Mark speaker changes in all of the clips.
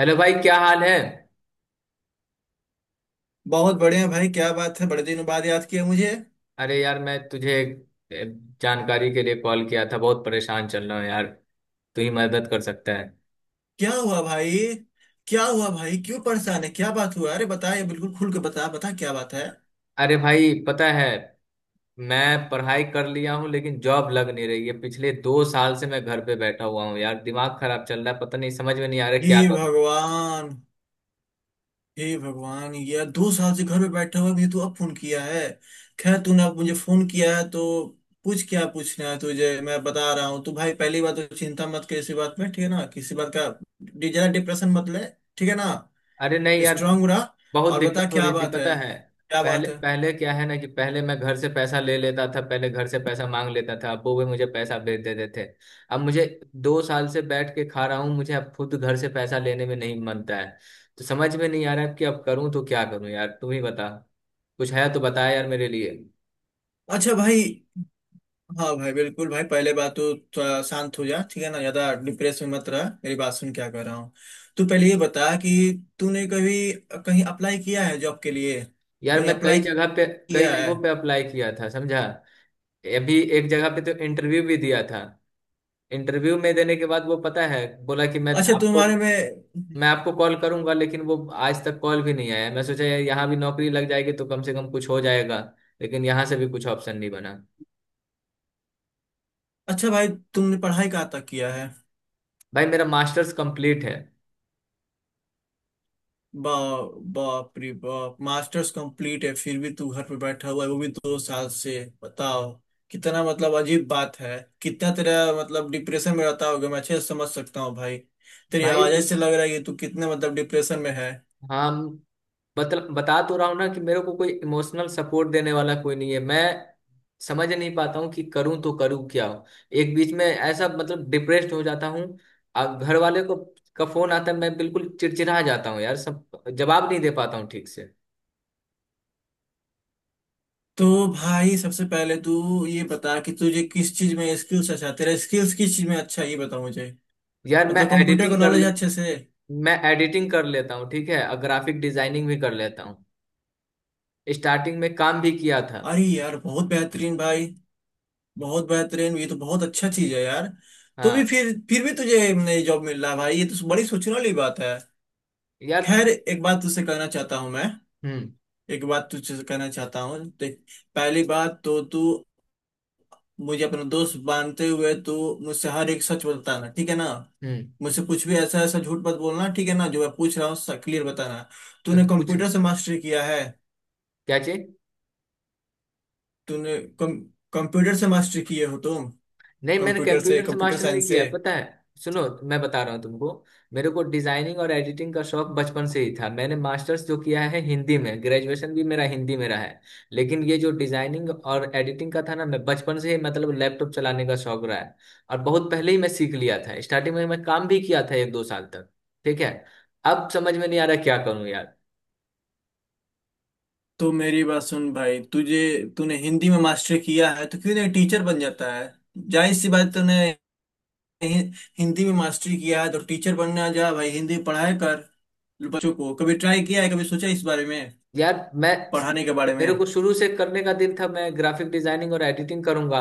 Speaker 1: Hello भाई, क्या हाल है।
Speaker 2: बहुत बढ़िया भाई। क्या बात है, बड़े दिनों बाद याद किया मुझे।
Speaker 1: अरे यार, मैं तुझे ए, जानकारी के लिए कॉल किया था। बहुत परेशान चल रहा हूँ यार, तू ही मदद कर सकता है।
Speaker 2: क्या हुआ भाई? क्यों परेशान है? क्या बात हुआ? अरे बता, ये बिल्कुल खुल के बता, बता क्या बात है।
Speaker 1: अरे भाई पता है, मैं पढ़ाई कर लिया हूँ लेकिन जॉब लग नहीं रही है। पिछले 2 साल से मैं घर पे बैठा हुआ हूँ यार, दिमाग खराब चल रहा है। पता नहीं, समझ में नहीं आ रहा है
Speaker 2: हे
Speaker 1: क्या करूँ।
Speaker 2: भगवान। ये 2 साल से घर में बैठा हुआ भी तू अब फोन किया है। खैर तूने अब मुझे फोन किया है, तो पूछ, क्या पूछना है तुझे मैं बता रहा हूँ। तो भाई पहली बात तो चिंता मत कर इसी बात में, ठीक है ना? किसी बात का जरा डिप्रेशन मत ले। ठीक है ना,
Speaker 1: अरे नहीं यार,
Speaker 2: स्ट्रांग रहा।
Speaker 1: बहुत
Speaker 2: और बता
Speaker 1: दिक्कत हो
Speaker 2: क्या
Speaker 1: रही थी
Speaker 2: बात है?
Speaker 1: पता है।
Speaker 2: क्या बात
Speaker 1: पहले
Speaker 2: है
Speaker 1: पहले क्या है ना कि पहले मैं घर से पैसा ले लेता था, पहले घर से पैसा मांग लेता था, अब वो भी मुझे पैसा भेज देते थे। अब मुझे 2 साल से बैठ के खा रहा हूँ, मुझे अब खुद घर से पैसा लेने में नहीं मनता है। तो समझ में नहीं आ रहा है कि अब करूँ तो क्या करूँ यार, तुम ही बता। कुछ है तो बता यार मेरे लिए।
Speaker 2: अच्छा भाई। हाँ भाई बिल्कुल भाई, पहले बात तो थोड़ा शांत हो जा, ठीक है ना? ज्यादा डिप्रेस में मत रह, मेरी बात सुन क्या कर रहा हूँ। तू पहले ये बता कि तूने कभी कहीं अप्लाई किया है जॉब के लिए?
Speaker 1: यार,
Speaker 2: कहीं
Speaker 1: मैं
Speaker 2: अप्लाई
Speaker 1: कई
Speaker 2: किया है
Speaker 1: जगहों पे अप्लाई किया था समझा। अभी एक जगह पे तो इंटरव्यू भी दिया था। इंटरव्यू में देने के बाद वो पता है बोला कि मैं
Speaker 2: अच्छा
Speaker 1: आपको
Speaker 2: तुम्हारे में।
Speaker 1: मैं आपको कॉल करूंगा, लेकिन वो आज तक कॉल भी नहीं आया। मैं सोचा यार, यहाँ भी नौकरी लग जाएगी तो कम से कम कुछ हो जाएगा, लेकिन यहाँ से भी कुछ ऑप्शन नहीं बना।
Speaker 2: अच्छा भाई तुमने पढ़ाई कहाँ तक किया है?
Speaker 1: भाई, मेरा मास्टर्स कंप्लीट है।
Speaker 2: बा बाप रे बाप, मास्टर्स कंप्लीट है फिर भी तू घर पे बैठा हुआ है, वो भी 2 साल से। बताओ कितना, मतलब अजीब बात है। कितना तेरा मतलब डिप्रेशन में रहता होगा, मैं अच्छे से समझ सकता हूँ भाई। तेरी
Speaker 1: भाई
Speaker 2: आवाज से लग रहा है कि तू कितने मतलब डिप्रेशन में है।
Speaker 1: हाँ, बता तो रहा हूँ ना कि मेरे को कोई इमोशनल सपोर्ट देने वाला कोई नहीं है। मैं समझ नहीं पाता हूँ कि करूँ तो करूँ क्या। एक बीच में ऐसा मतलब डिप्रेस्ड हो जाता हूँ। अब घर वाले को का फोन आता है, मैं बिल्कुल चिड़चिड़ा जाता हूँ यार, सब जवाब नहीं दे पाता हूँ ठीक से।
Speaker 2: तो भाई सबसे पहले तू ये बता कि तुझे किस चीज में स्किल्स, अच्छा तेरा स्किल्स किस चीज में अच्छा है, ये बता मुझे।
Speaker 1: यार,
Speaker 2: मतलब कंप्यूटर का नॉलेज अच्छे से?
Speaker 1: मैं एडिटिंग कर लेता हूँ, ठीक है। और ग्राफिक डिजाइनिंग भी कर लेता हूँ, स्टार्टिंग में काम भी किया था।
Speaker 2: अरे यार बहुत बेहतरीन भाई, बहुत बेहतरीन, ये तो बहुत अच्छा चीज है यार। तो भी
Speaker 1: हाँ।
Speaker 2: फिर भी तुझे नई जॉब मिल रहा है भाई, ये तो बड़ी सोचने वाली बात है।
Speaker 1: यार।
Speaker 2: खैर एक बात तुझसे कहना चाहता हूँ मैं।
Speaker 1: हम्म।
Speaker 2: एक बात तुझसे कहना चाहता हूँ देख, पहली बात तो तू मुझे अपना दोस्त मानते हुए तू मुझसे हर एक सच बताना, ठीक है ना?
Speaker 1: हम्म।
Speaker 2: मुझसे कुछ भी ऐसा ऐसा झूठ मत बोलना ठीक है ना, जो मैं पूछ रहा हूँ क्लियर बताना। तूने
Speaker 1: अब कुछ
Speaker 2: कंप्यूटर से मास्टरी किया है?
Speaker 1: क्या चाहिए।
Speaker 2: तूने कम कंप्यूटर से मास्टरी किए हो तुम?
Speaker 1: नहीं, मैंने
Speaker 2: कंप्यूटर से,
Speaker 1: कंप्यूटर से
Speaker 2: कंप्यूटर
Speaker 1: मास्टर नहीं
Speaker 2: साइंस से?
Speaker 1: किया है, पता है, सुनो। मैं बता रहा हूँ तुमको, मेरे को डिजाइनिंग और एडिटिंग का शौक बचपन से ही था। मैंने मास्टर्स जो किया है हिंदी में, ग्रेजुएशन भी मेरा हिंदी में रहा है। लेकिन ये जो डिजाइनिंग और एडिटिंग का था ना, मैं बचपन से ही मतलब लैपटॉप चलाने का शौक रहा है। और बहुत पहले ही मैं सीख लिया था, स्टार्टिंग में मैं काम भी किया था एक दो साल तक। ठीक है, अब समझ में नहीं आ रहा क्या करूँ यार।
Speaker 2: तो मेरी बात सुन भाई, तुझे, तूने हिंदी में मास्टरी किया है तो क्यों नहीं टीचर बन जाता है? जाहिर सी बात, तूने हिंदी में मास्टरी किया है तो टीचर बनना जा भाई, हिंदी पढ़ाया कर बच्चों को। कभी ट्राई किया है? कभी सोचा है इस बारे में,
Speaker 1: यार मैं
Speaker 2: पढ़ाने के बारे में?
Speaker 1: मेरे को शुरू से करने का दिल था, मैं ग्राफिक डिजाइनिंग और एडिटिंग करूंगा।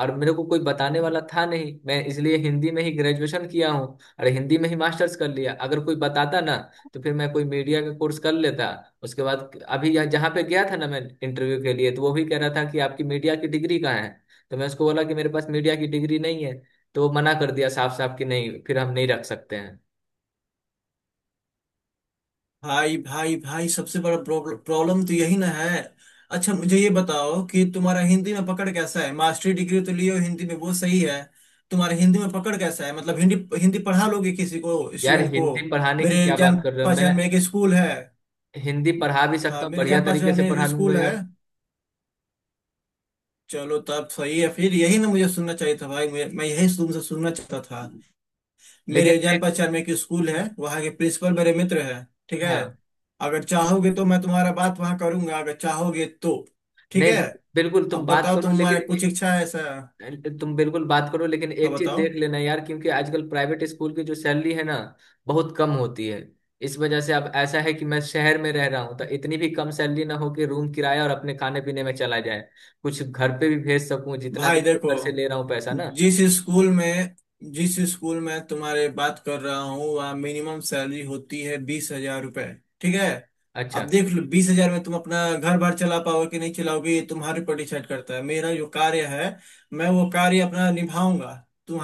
Speaker 1: और मेरे को कोई बताने वाला था नहीं, मैं इसलिए हिंदी में ही ग्रेजुएशन किया हूँ और हिंदी में ही मास्टर्स कर लिया। अगर कोई बताता ना तो फिर मैं कोई मीडिया का कोर्स कर लेता। उसके बाद अभी यहाँ जहाँ पे गया था ना मैं इंटरव्यू के लिए, तो वो भी कह रहा था कि आपकी मीडिया की डिग्री कहाँ है। तो मैं उसको बोला कि मेरे पास मीडिया की डिग्री नहीं है। तो वो मना कर दिया साफ साफ कि नहीं, फिर हम नहीं रख सकते हैं।
Speaker 2: भाई भाई भाई सबसे बड़ा प्रॉब्लम तो यही ना है। अच्छा मुझे ये बताओ कि तुम्हारा हिंदी में पकड़ कैसा है? मास्टरी डिग्री तो लियो हिंदी में, वो सही है। तुम्हारा हिंदी में पकड़ कैसा है, मतलब हिंदी, हिंदी पढ़ा लोगे किसी को,
Speaker 1: यार,
Speaker 2: स्टूडेंट को?
Speaker 1: हिंदी पढ़ाने की
Speaker 2: मेरे
Speaker 1: क्या बात
Speaker 2: जान
Speaker 1: कर रहे हो।
Speaker 2: पहचान में
Speaker 1: मैं
Speaker 2: एक स्कूल है।
Speaker 1: हिंदी पढ़ा भी सकता
Speaker 2: हाँ,
Speaker 1: हूँ,
Speaker 2: मेरे
Speaker 1: बढ़िया
Speaker 2: जान
Speaker 1: तरीके
Speaker 2: पहचान
Speaker 1: से
Speaker 2: में
Speaker 1: पढ़ा
Speaker 2: एक
Speaker 1: लूंगा
Speaker 2: स्कूल है।
Speaker 1: यार।
Speaker 2: चलो तब सही है, फिर यही ना मुझे सुनना चाहिए था भाई, मैं यही तुमसे सुनना चाहता था। मेरे
Speaker 1: लेकिन
Speaker 2: जान
Speaker 1: एक
Speaker 2: पहचान में एक स्कूल है, वहाँ के प्रिंसिपल मेरे मित्र है। ठीक है।
Speaker 1: हाँ।
Speaker 2: अगर चाहोगे तो मैं तुम्हारा बात वहाँ करूंगा, अगर चाहोगे तो। ठीक है।
Speaker 1: नहीं। बिल्कुल तुम
Speaker 2: अब
Speaker 1: बात
Speaker 2: बताओ
Speaker 1: करो
Speaker 2: तुम्हारा
Speaker 1: लेकिन
Speaker 2: कुछ
Speaker 1: एक
Speaker 2: इच्छा है ऐसा?
Speaker 1: तुम बिल्कुल बात करो, लेकिन
Speaker 2: हाँ
Speaker 1: एक चीज
Speaker 2: बताओ।
Speaker 1: देख लेना यार, क्योंकि आजकल प्राइवेट स्कूल की जो सैलरी है ना, बहुत कम होती है। इस वजह से अब ऐसा है कि मैं शहर में रह रहा हूँ, तो इतनी भी कम सैलरी ना हो कि रूम किराया और अपने खाने पीने में चला जाए, कुछ घर पे भी भेज सकूँ, जितना
Speaker 2: भाई
Speaker 1: दिन से
Speaker 2: देखो
Speaker 1: घर से ले रहा हूँ पैसा ना।
Speaker 2: जिस स्कूल में, जिस स्कूल में तुम्हारे बात कर रहा हूँ, वहाँ मिनिमम सैलरी होती है 20,000 रुपए। ठीक है।
Speaker 1: अच्छा।
Speaker 2: अब देख लो 20,000 में तुम अपना घर बार चला पाओगे कि नहीं चलाओगे, ये तुम्हारे ऊपर डिसाइड करता है। मेरा जो कार्य है, मैं वो कार्य अपना निभाऊंगा।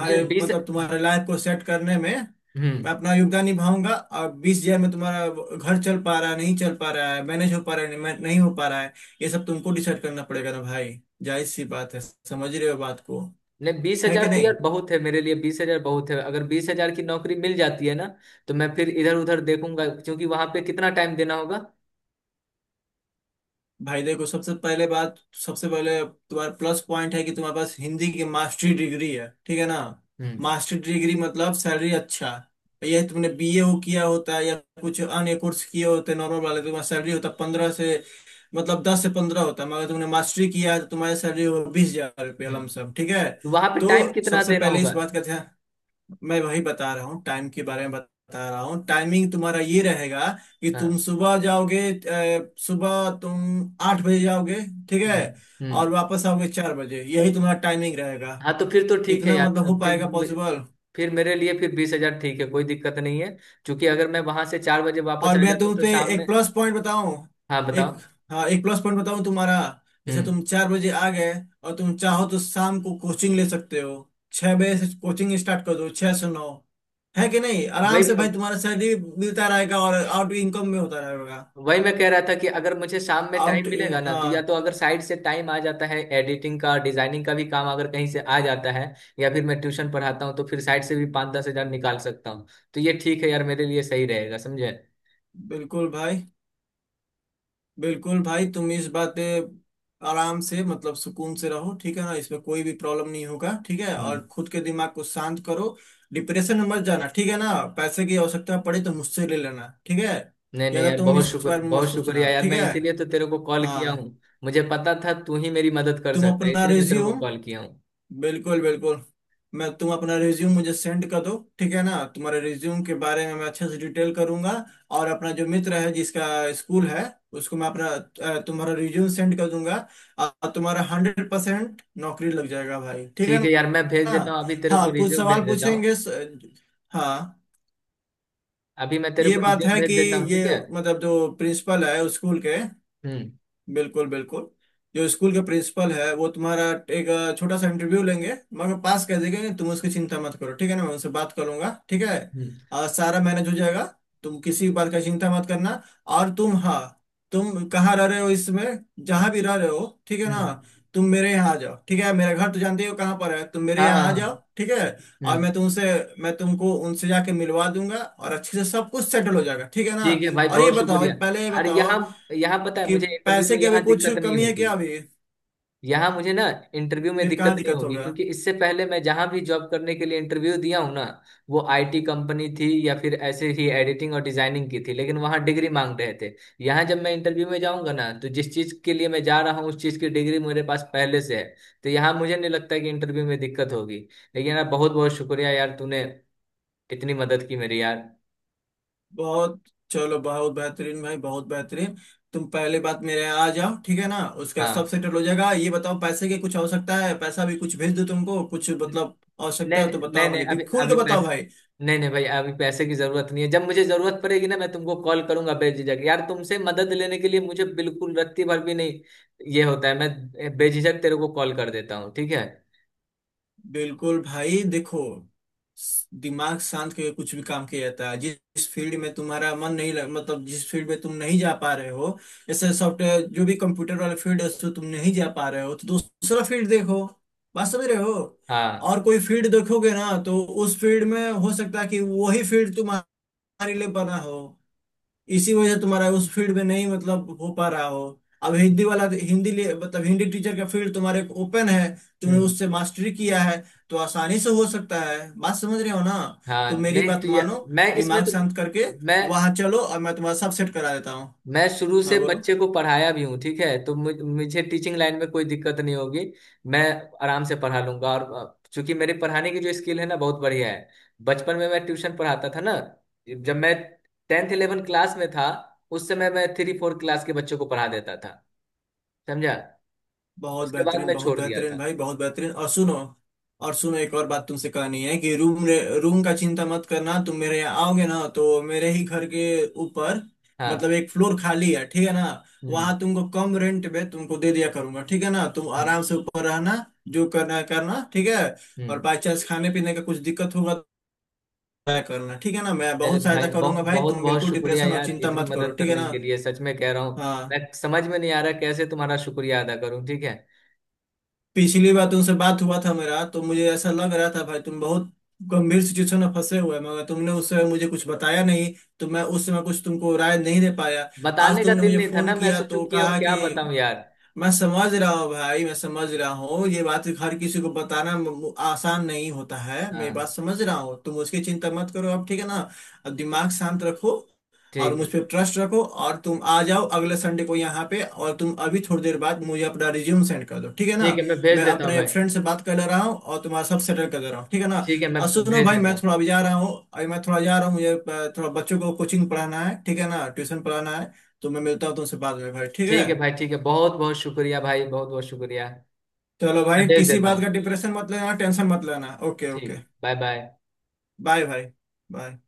Speaker 1: नहीं बीस
Speaker 2: मतलब तुम्हारे लाइफ को सेट करने में
Speaker 1: हम्म।
Speaker 2: मैं अपना योगदान निभाऊंगा। और 20,000 में तुम्हारा घर चल पा रहा है नहीं चल पा रहा है, मैनेज हो पा रहा है नहीं नहीं हो पा रहा है, ये सब तुमको डिसाइड करना पड़ेगा ना भाई। जायज सी बात है, समझ रहे हो बात को?
Speaker 1: नहीं, बीस
Speaker 2: है
Speaker 1: हजार
Speaker 2: कि
Speaker 1: तो
Speaker 2: नहीं?
Speaker 1: यार बहुत है मेरे लिए, 20 हजार बहुत है। अगर 20 हजार की नौकरी मिल जाती है ना तो मैं फिर इधर उधर देखूंगा, क्योंकि वहां पे कितना टाइम देना होगा।
Speaker 2: भाई देखो सबसे पहले बात, सबसे पहले तुम्हारा प्लस पॉइंट है कि तुम्हारे पास हिंदी की मास्टरी डिग्री है, ठीक है ना?
Speaker 1: हम्म।
Speaker 2: मास्टरी डिग्री मतलब सैलरी अच्छा। ये तुमने बीए हो किया होता है या कुछ अन्य कोर्स किए होते नॉर्मल वाले, तुम्हारा सैलरी होता 15 से, मतलब 10 से 15 होता है, मगर तुमने मास्टरी किया है, तो तुम्हारी सैलरी हो 20,000 रुपये
Speaker 1: हम्म।
Speaker 2: लमसम। ठीक है।
Speaker 1: वहां पे टाइम
Speaker 2: तो
Speaker 1: कितना
Speaker 2: सबसे
Speaker 1: देना
Speaker 2: पहले इस
Speaker 1: होगा।
Speaker 2: बात का ध्यान, मैं वही बता रहा हूँ, टाइम के बारे में बता रहा हूँ। टाइमिंग तुम्हारा ये रहेगा कि तुम
Speaker 1: हाँ।
Speaker 2: सुबह जाओगे, सुबह तुम 8 बजे जाओगे। ठीक है।
Speaker 1: हम्म। हम्म।
Speaker 2: और वापस आओगे 4 बजे, यही तुम्हारा टाइमिंग रहेगा।
Speaker 1: हाँ, तो फिर तो ठीक है
Speaker 2: इतना
Speaker 1: यार।
Speaker 2: मतलब हो
Speaker 1: फिर
Speaker 2: पाएगा पॉसिबल?
Speaker 1: फिर मेरे लिए फिर 20 हजार ठीक है, कोई दिक्कत नहीं है। क्योंकि अगर मैं वहां से 4 बजे वापस
Speaker 2: और
Speaker 1: आ
Speaker 2: मैं
Speaker 1: जाता हूँ
Speaker 2: तुम
Speaker 1: तो
Speaker 2: पे
Speaker 1: शाम
Speaker 2: एक
Speaker 1: में।
Speaker 2: प्लस पॉइंट बताऊं,
Speaker 1: हाँ,
Speaker 2: एक,
Speaker 1: बताओ।
Speaker 2: हाँ एक प्लस पॉइंट बताऊं तुम्हारा। जैसे
Speaker 1: हम्म।
Speaker 2: तुम 4 बजे आ गए, और तुम चाहो तो शाम को कोचिंग ले सकते हो। 6 बजे से कोचिंग स्टार्ट कर दो, 6 से 9, है कि नहीं? आराम से
Speaker 1: वही
Speaker 2: भाई, तुम्हारा सैलरी भी मिलता रहेगा और आउट इनकम में होता रहेगा।
Speaker 1: वही मैं कह रहा था कि अगर मुझे शाम में टाइम
Speaker 2: आउट।
Speaker 1: मिलेगा ना,
Speaker 2: हाँ
Speaker 1: तो या तो अगर साइड से टाइम आ जाता है, एडिटिंग का डिजाइनिंग का भी काम अगर कहीं से आ जाता है, या फिर मैं ट्यूशन पढ़ाता हूँ, तो फिर साइड से भी पाँच दस हजार निकाल सकता हूँ। तो ये ठीक है यार मेरे लिए, सही रहेगा समझे।
Speaker 2: बिल्कुल भाई, बिल्कुल भाई तुम इस बात पे आराम से मतलब सुकून से रहो, ठीक है ना? इसमें कोई भी प्रॉब्लम नहीं होगा ठीक है,
Speaker 1: हम्म।
Speaker 2: और खुद के दिमाग को शांत करो। डिप्रेशन में मत जाना ठीक है ना, पैसे की आवश्यकता पड़े तो मुझसे ले लेना, ठीक है।
Speaker 1: नहीं नहीं
Speaker 2: ज्यादा
Speaker 1: यार,
Speaker 2: तुम इस बारे में मत
Speaker 1: बहुत
Speaker 2: सोचना,
Speaker 1: शुक्रिया यार,
Speaker 2: ठीक
Speaker 1: मैं
Speaker 2: है।
Speaker 1: इसीलिए तो तेरे को कॉल किया हूँ।
Speaker 2: हाँ।
Speaker 1: मुझे पता था तू ही मेरी मदद कर
Speaker 2: तुम
Speaker 1: सकता है,
Speaker 2: अपना
Speaker 1: इसलिए मैं तेरे को
Speaker 2: रिज्यूम,
Speaker 1: कॉल किया हूँ।
Speaker 2: बिल्कुल बिल्कुल, मैं, तुम अपना रिज्यूम मुझे सेंड कर दो ठीक है ना, तुम्हारे रिज्यूम के बारे में मैं अच्छे से डिटेल करूंगा। और अपना जो मित्र है जिसका स्कूल है, उसको मैं अपना तुम्हारा रिज्यूम सेंड कर दूंगा। और तुम्हारा 100% नौकरी लग जाएगा भाई, ठीक है
Speaker 1: ठीक
Speaker 2: ना?
Speaker 1: है यार, मैं भेज देता हूँ, अभी तेरे को
Speaker 2: हाँ कुछ
Speaker 1: रिज्यूम भेज
Speaker 2: सवाल
Speaker 1: देता हूँ।
Speaker 2: पूछेंगे हाँ,
Speaker 1: अभी मैं तेरे
Speaker 2: ये
Speaker 1: को
Speaker 2: बात
Speaker 1: रिज्यूम
Speaker 2: है कि
Speaker 1: भेज देता हूँ,
Speaker 2: ये
Speaker 1: ठीक है।
Speaker 2: मतलब जो प्रिंसिपल है उस स्कूल के,
Speaker 1: हम्म।
Speaker 2: बिल्कुल बिल्कुल, जो स्कूल के प्रिंसिपल है वो तुम्हारा एक छोटा सा इंटरव्यू लेंगे, मगर पास कर देंगे कि, तुम उसकी चिंता मत करो ठीक है ना, मैं उनसे बात करूंगा ठीक है।
Speaker 1: हम्म।
Speaker 2: सारा मैनेज हो जाएगा, तुम किसी भी बात का चिंता मत करना। और तुम, हाँ, तुम कहाँ रह रहे हो इसमें, जहाँ भी रह रहे हो, ठीक है
Speaker 1: हम्म।
Speaker 2: ना, तुम मेरे यहाँ आ जाओ ठीक है, मेरा घर तो जानते ही हो कहाँ पर है, तुम मेरे
Speaker 1: हाँ हाँ
Speaker 2: यहाँ आ जाओ
Speaker 1: हाँ।
Speaker 2: ठीक है। और
Speaker 1: हम्म।
Speaker 2: मैं तुमसे, मैं तुमको उनसे जाके मिलवा दूंगा और अच्छे से सब कुछ सेटल हो जाएगा, ठीक है ना?
Speaker 1: ठीक है भाई,
Speaker 2: और ये
Speaker 1: बहुत
Speaker 2: बताओ,
Speaker 1: शुक्रिया।
Speaker 2: पहले ये
Speaker 1: अरे,
Speaker 2: बताओ
Speaker 1: यहाँ यहाँ पता है,
Speaker 2: कि
Speaker 1: मुझे इंटरव्यू
Speaker 2: पैसे
Speaker 1: में
Speaker 2: की अभी
Speaker 1: यहाँ
Speaker 2: कुछ
Speaker 1: दिक्कत नहीं
Speaker 2: कमी है
Speaker 1: होगी।
Speaker 2: क्या अभी?
Speaker 1: यहाँ मुझे ना इंटरव्यू में
Speaker 2: फिर
Speaker 1: दिक्कत
Speaker 2: कहाँ
Speaker 1: नहीं
Speaker 2: दिक्कत
Speaker 1: होगी,
Speaker 2: होगा?
Speaker 1: क्योंकि इससे पहले मैं जहाँ भी जॉब करने के लिए इंटरव्यू दिया हूँ ना, वो आईटी कंपनी थी या फिर ऐसे ही एडिटिंग और डिजाइनिंग की थी, लेकिन वहाँ डिग्री मांग रहे थे। यहाँ जब मैं इंटरव्यू में जाऊँगा ना, तो जिस चीज़ के लिए मैं जा रहा हूँ उस चीज़ की डिग्री मेरे पास पहले से है। तो यहाँ मुझे नहीं लगता कि इंटरव्यू में दिक्कत होगी। लेकिन यार, बहुत बहुत शुक्रिया यार, तूने इतनी मदद की मेरी यार।
Speaker 2: बहुत चलो बहुत बेहतरीन भाई बहुत बेहतरीन, तुम पहले बात मेरे यहाँ आ जाओ, ठीक है ना? उसका सब
Speaker 1: हाँ।
Speaker 2: सेटल हो जाएगा। ये बताओ पैसे की कुछ आवश्यकता है, पैसा भी कुछ भेज दो, तुमको कुछ मतलब आवश्यकता
Speaker 1: नहीं।
Speaker 2: है तो
Speaker 1: नहीं
Speaker 2: बताओ,
Speaker 1: नहीं,
Speaker 2: मुझे भी
Speaker 1: अभी
Speaker 2: खुल के
Speaker 1: अभी
Speaker 2: बताओ
Speaker 1: पैसे,
Speaker 2: भाई।
Speaker 1: नहीं नहीं भाई, अभी पैसे की जरूरत नहीं है। जब मुझे जरूरत पड़ेगी ना, मैं तुमको कॉल करूंगा बेझिझक यार, तुमसे मदद लेने के लिए मुझे बिल्कुल रत्ती भर भी नहीं ये होता है। मैं बेझिझक तेरे को कॉल कर देता हूँ, ठीक है।
Speaker 2: बिल्कुल भाई देखो, दिमाग शांत करके कुछ भी काम किया जाता है। जिस फील्ड में तुम्हारा मन नहीं लग, मतलब जिस फील्ड में तुम नहीं जा पा रहे हो, जैसे सॉफ्टवेयर जो भी कंप्यूटर वाला फील्ड है उसको तुम नहीं जा पा रहे हो, तो दूसरा फील्ड देखो, बात समझ रहे हो?
Speaker 1: हाँ।
Speaker 2: और कोई फील्ड देखोगे ना, तो उस फील्ड में हो सकता है कि वही फील्ड तुम्हारे लिए बना हो, इसी वजह से तुम्हारा उस फील्ड में नहीं मतलब हो पा रहा हो। अब हिंदी वाला तो, हिंदी लिए मतलब हिंदी टीचर का फील्ड तुम्हारे ओपन है, तुमने
Speaker 1: हम्म।
Speaker 2: उससे मास्टरी किया है तो आसानी से हो सकता है, बात समझ रहे हो ना? तो
Speaker 1: हाँ।
Speaker 2: मेरी
Speaker 1: नहीं
Speaker 2: बात
Speaker 1: तो
Speaker 2: मानो,
Speaker 1: मैं इसमें
Speaker 2: दिमाग
Speaker 1: तो
Speaker 2: शांत करके
Speaker 1: मैं
Speaker 2: वहां चलो, और मैं तुम्हारा सब सेट करा देता हूँ।
Speaker 1: मैं शुरू
Speaker 2: हाँ
Speaker 1: से
Speaker 2: बोलो।
Speaker 1: बच्चे को पढ़ाया भी हूँ, ठीक है। तो मुझे टीचिंग लाइन में कोई दिक्कत नहीं होगी। मैं आराम से पढ़ा लूंगा, और चूंकि मेरे पढ़ाने की जो स्किल है ना, बहुत बढ़िया है। बचपन में मैं ट्यूशन पढ़ाता था ना, जब मैं टेंथ इलेवन क्लास में था, उस समय मैं थ्री फोर क्लास के बच्चों को पढ़ा देता था समझा।
Speaker 2: बहुत
Speaker 1: उसके बाद
Speaker 2: बेहतरीन,
Speaker 1: मैं
Speaker 2: बहुत
Speaker 1: छोड़ दिया
Speaker 2: बेहतरीन
Speaker 1: था।
Speaker 2: भाई बहुत बेहतरीन। और सुनो, एक और बात तुमसे कहनी है कि रूम, रूम का चिंता मत करना, तुम मेरे यहाँ आओगे ना तो मेरे ही घर के ऊपर मतलब
Speaker 1: हाँ।
Speaker 2: एक फ्लोर खाली है, ठीक है ना?
Speaker 1: हम्म।
Speaker 2: वहां तुमको कम रेंट पे तुमको दे दिया करूंगा, ठीक है ना, तुम
Speaker 1: हम्म।
Speaker 2: आराम से ऊपर रहना, जो करना है करना, ठीक है।
Speaker 1: हम्म।
Speaker 2: और बाई चांस खाने पीने का कुछ दिक्कत होगा तो मैं करना, ठीक है ना, मैं
Speaker 1: चलो
Speaker 2: बहुत
Speaker 1: भाई,
Speaker 2: सहायता करूंगा
Speaker 1: बहुत
Speaker 2: भाई,
Speaker 1: बहुत
Speaker 2: तुम
Speaker 1: बहुत
Speaker 2: बिल्कुल
Speaker 1: शुक्रिया
Speaker 2: डिप्रेशन और
Speaker 1: यार,
Speaker 2: चिंता
Speaker 1: इतनी
Speaker 2: मत करो,
Speaker 1: मदद
Speaker 2: ठीक है
Speaker 1: करने
Speaker 2: ना?
Speaker 1: के लिए, सच में कह रहा हूँ। मैं
Speaker 2: हाँ।
Speaker 1: समझ में नहीं आ रहा कैसे तुम्हारा शुक्रिया अदा करूँ, ठीक है।
Speaker 2: पिछली बार तुमसे बात हुआ था मेरा, तो मुझे ऐसा लग रहा था भाई तुम बहुत गंभीर सिचुएशन में फंसे हुए हैं, मगर तुमने उस समय मुझे कुछ बताया नहीं, तो मैं उस समय कुछ तुमको राय नहीं दे पाया। आज
Speaker 1: बताने का
Speaker 2: तुमने
Speaker 1: दिल
Speaker 2: मुझे
Speaker 1: नहीं था ना,
Speaker 2: फोन
Speaker 1: मैं
Speaker 2: किया
Speaker 1: सोचूं
Speaker 2: तो
Speaker 1: कि अब
Speaker 2: कहा कि
Speaker 1: क्या बताऊं यार।
Speaker 2: मैं समझ रहा हूँ भाई, मैं समझ रहा हूँ ये बात हर किसी को बताना आसान नहीं होता है, मेरी बात
Speaker 1: हाँ।
Speaker 2: समझ रहा हूँ, तुम उसकी चिंता मत करो अब, ठीक है ना? अब दिमाग शांत रखो और
Speaker 1: ठीक
Speaker 2: मुझ
Speaker 1: है।
Speaker 2: पर ट्रस्ट रखो, और तुम आ जाओ अगले संडे को यहाँ पे, और तुम अभी थोड़ी देर बाद मुझे अपना रिज्यूम सेंड कर दो, ठीक है ना?
Speaker 1: ठीक है मैं भेज
Speaker 2: मैं
Speaker 1: देता हूँ
Speaker 2: अपने
Speaker 1: भाई।
Speaker 2: फ्रेंड से बात कर ले रहा हूँ और तुम्हारा सब सेटल कर दे रहा हूँ, ठीक है ना?
Speaker 1: ठीक है मैं
Speaker 2: और सुनो
Speaker 1: भेज
Speaker 2: भाई
Speaker 1: देता
Speaker 2: मैं
Speaker 1: हूँ।
Speaker 2: थोड़ा अभी जा रहा हूँ, मुझे थोड़ा बच्चों को कोचिंग पढ़ाना है, ठीक है ना, ट्यूशन पढ़ाना है। तो मैं मिलता हूँ तुमसे बाद में भाई, ठीक है।
Speaker 1: ठीक है भाई, ठीक है, बहुत बहुत शुक्रिया भाई, बहुत बहुत शुक्रिया।
Speaker 2: चलो
Speaker 1: मैं
Speaker 2: भाई
Speaker 1: भेज
Speaker 2: किसी
Speaker 1: देता
Speaker 2: बात
Speaker 1: हूँ।
Speaker 2: का डिप्रेशन मत लेना, टेंशन मत लेना। Okay okay.
Speaker 1: ठीक, बाय बाय।
Speaker 2: बाय भाई। बाय।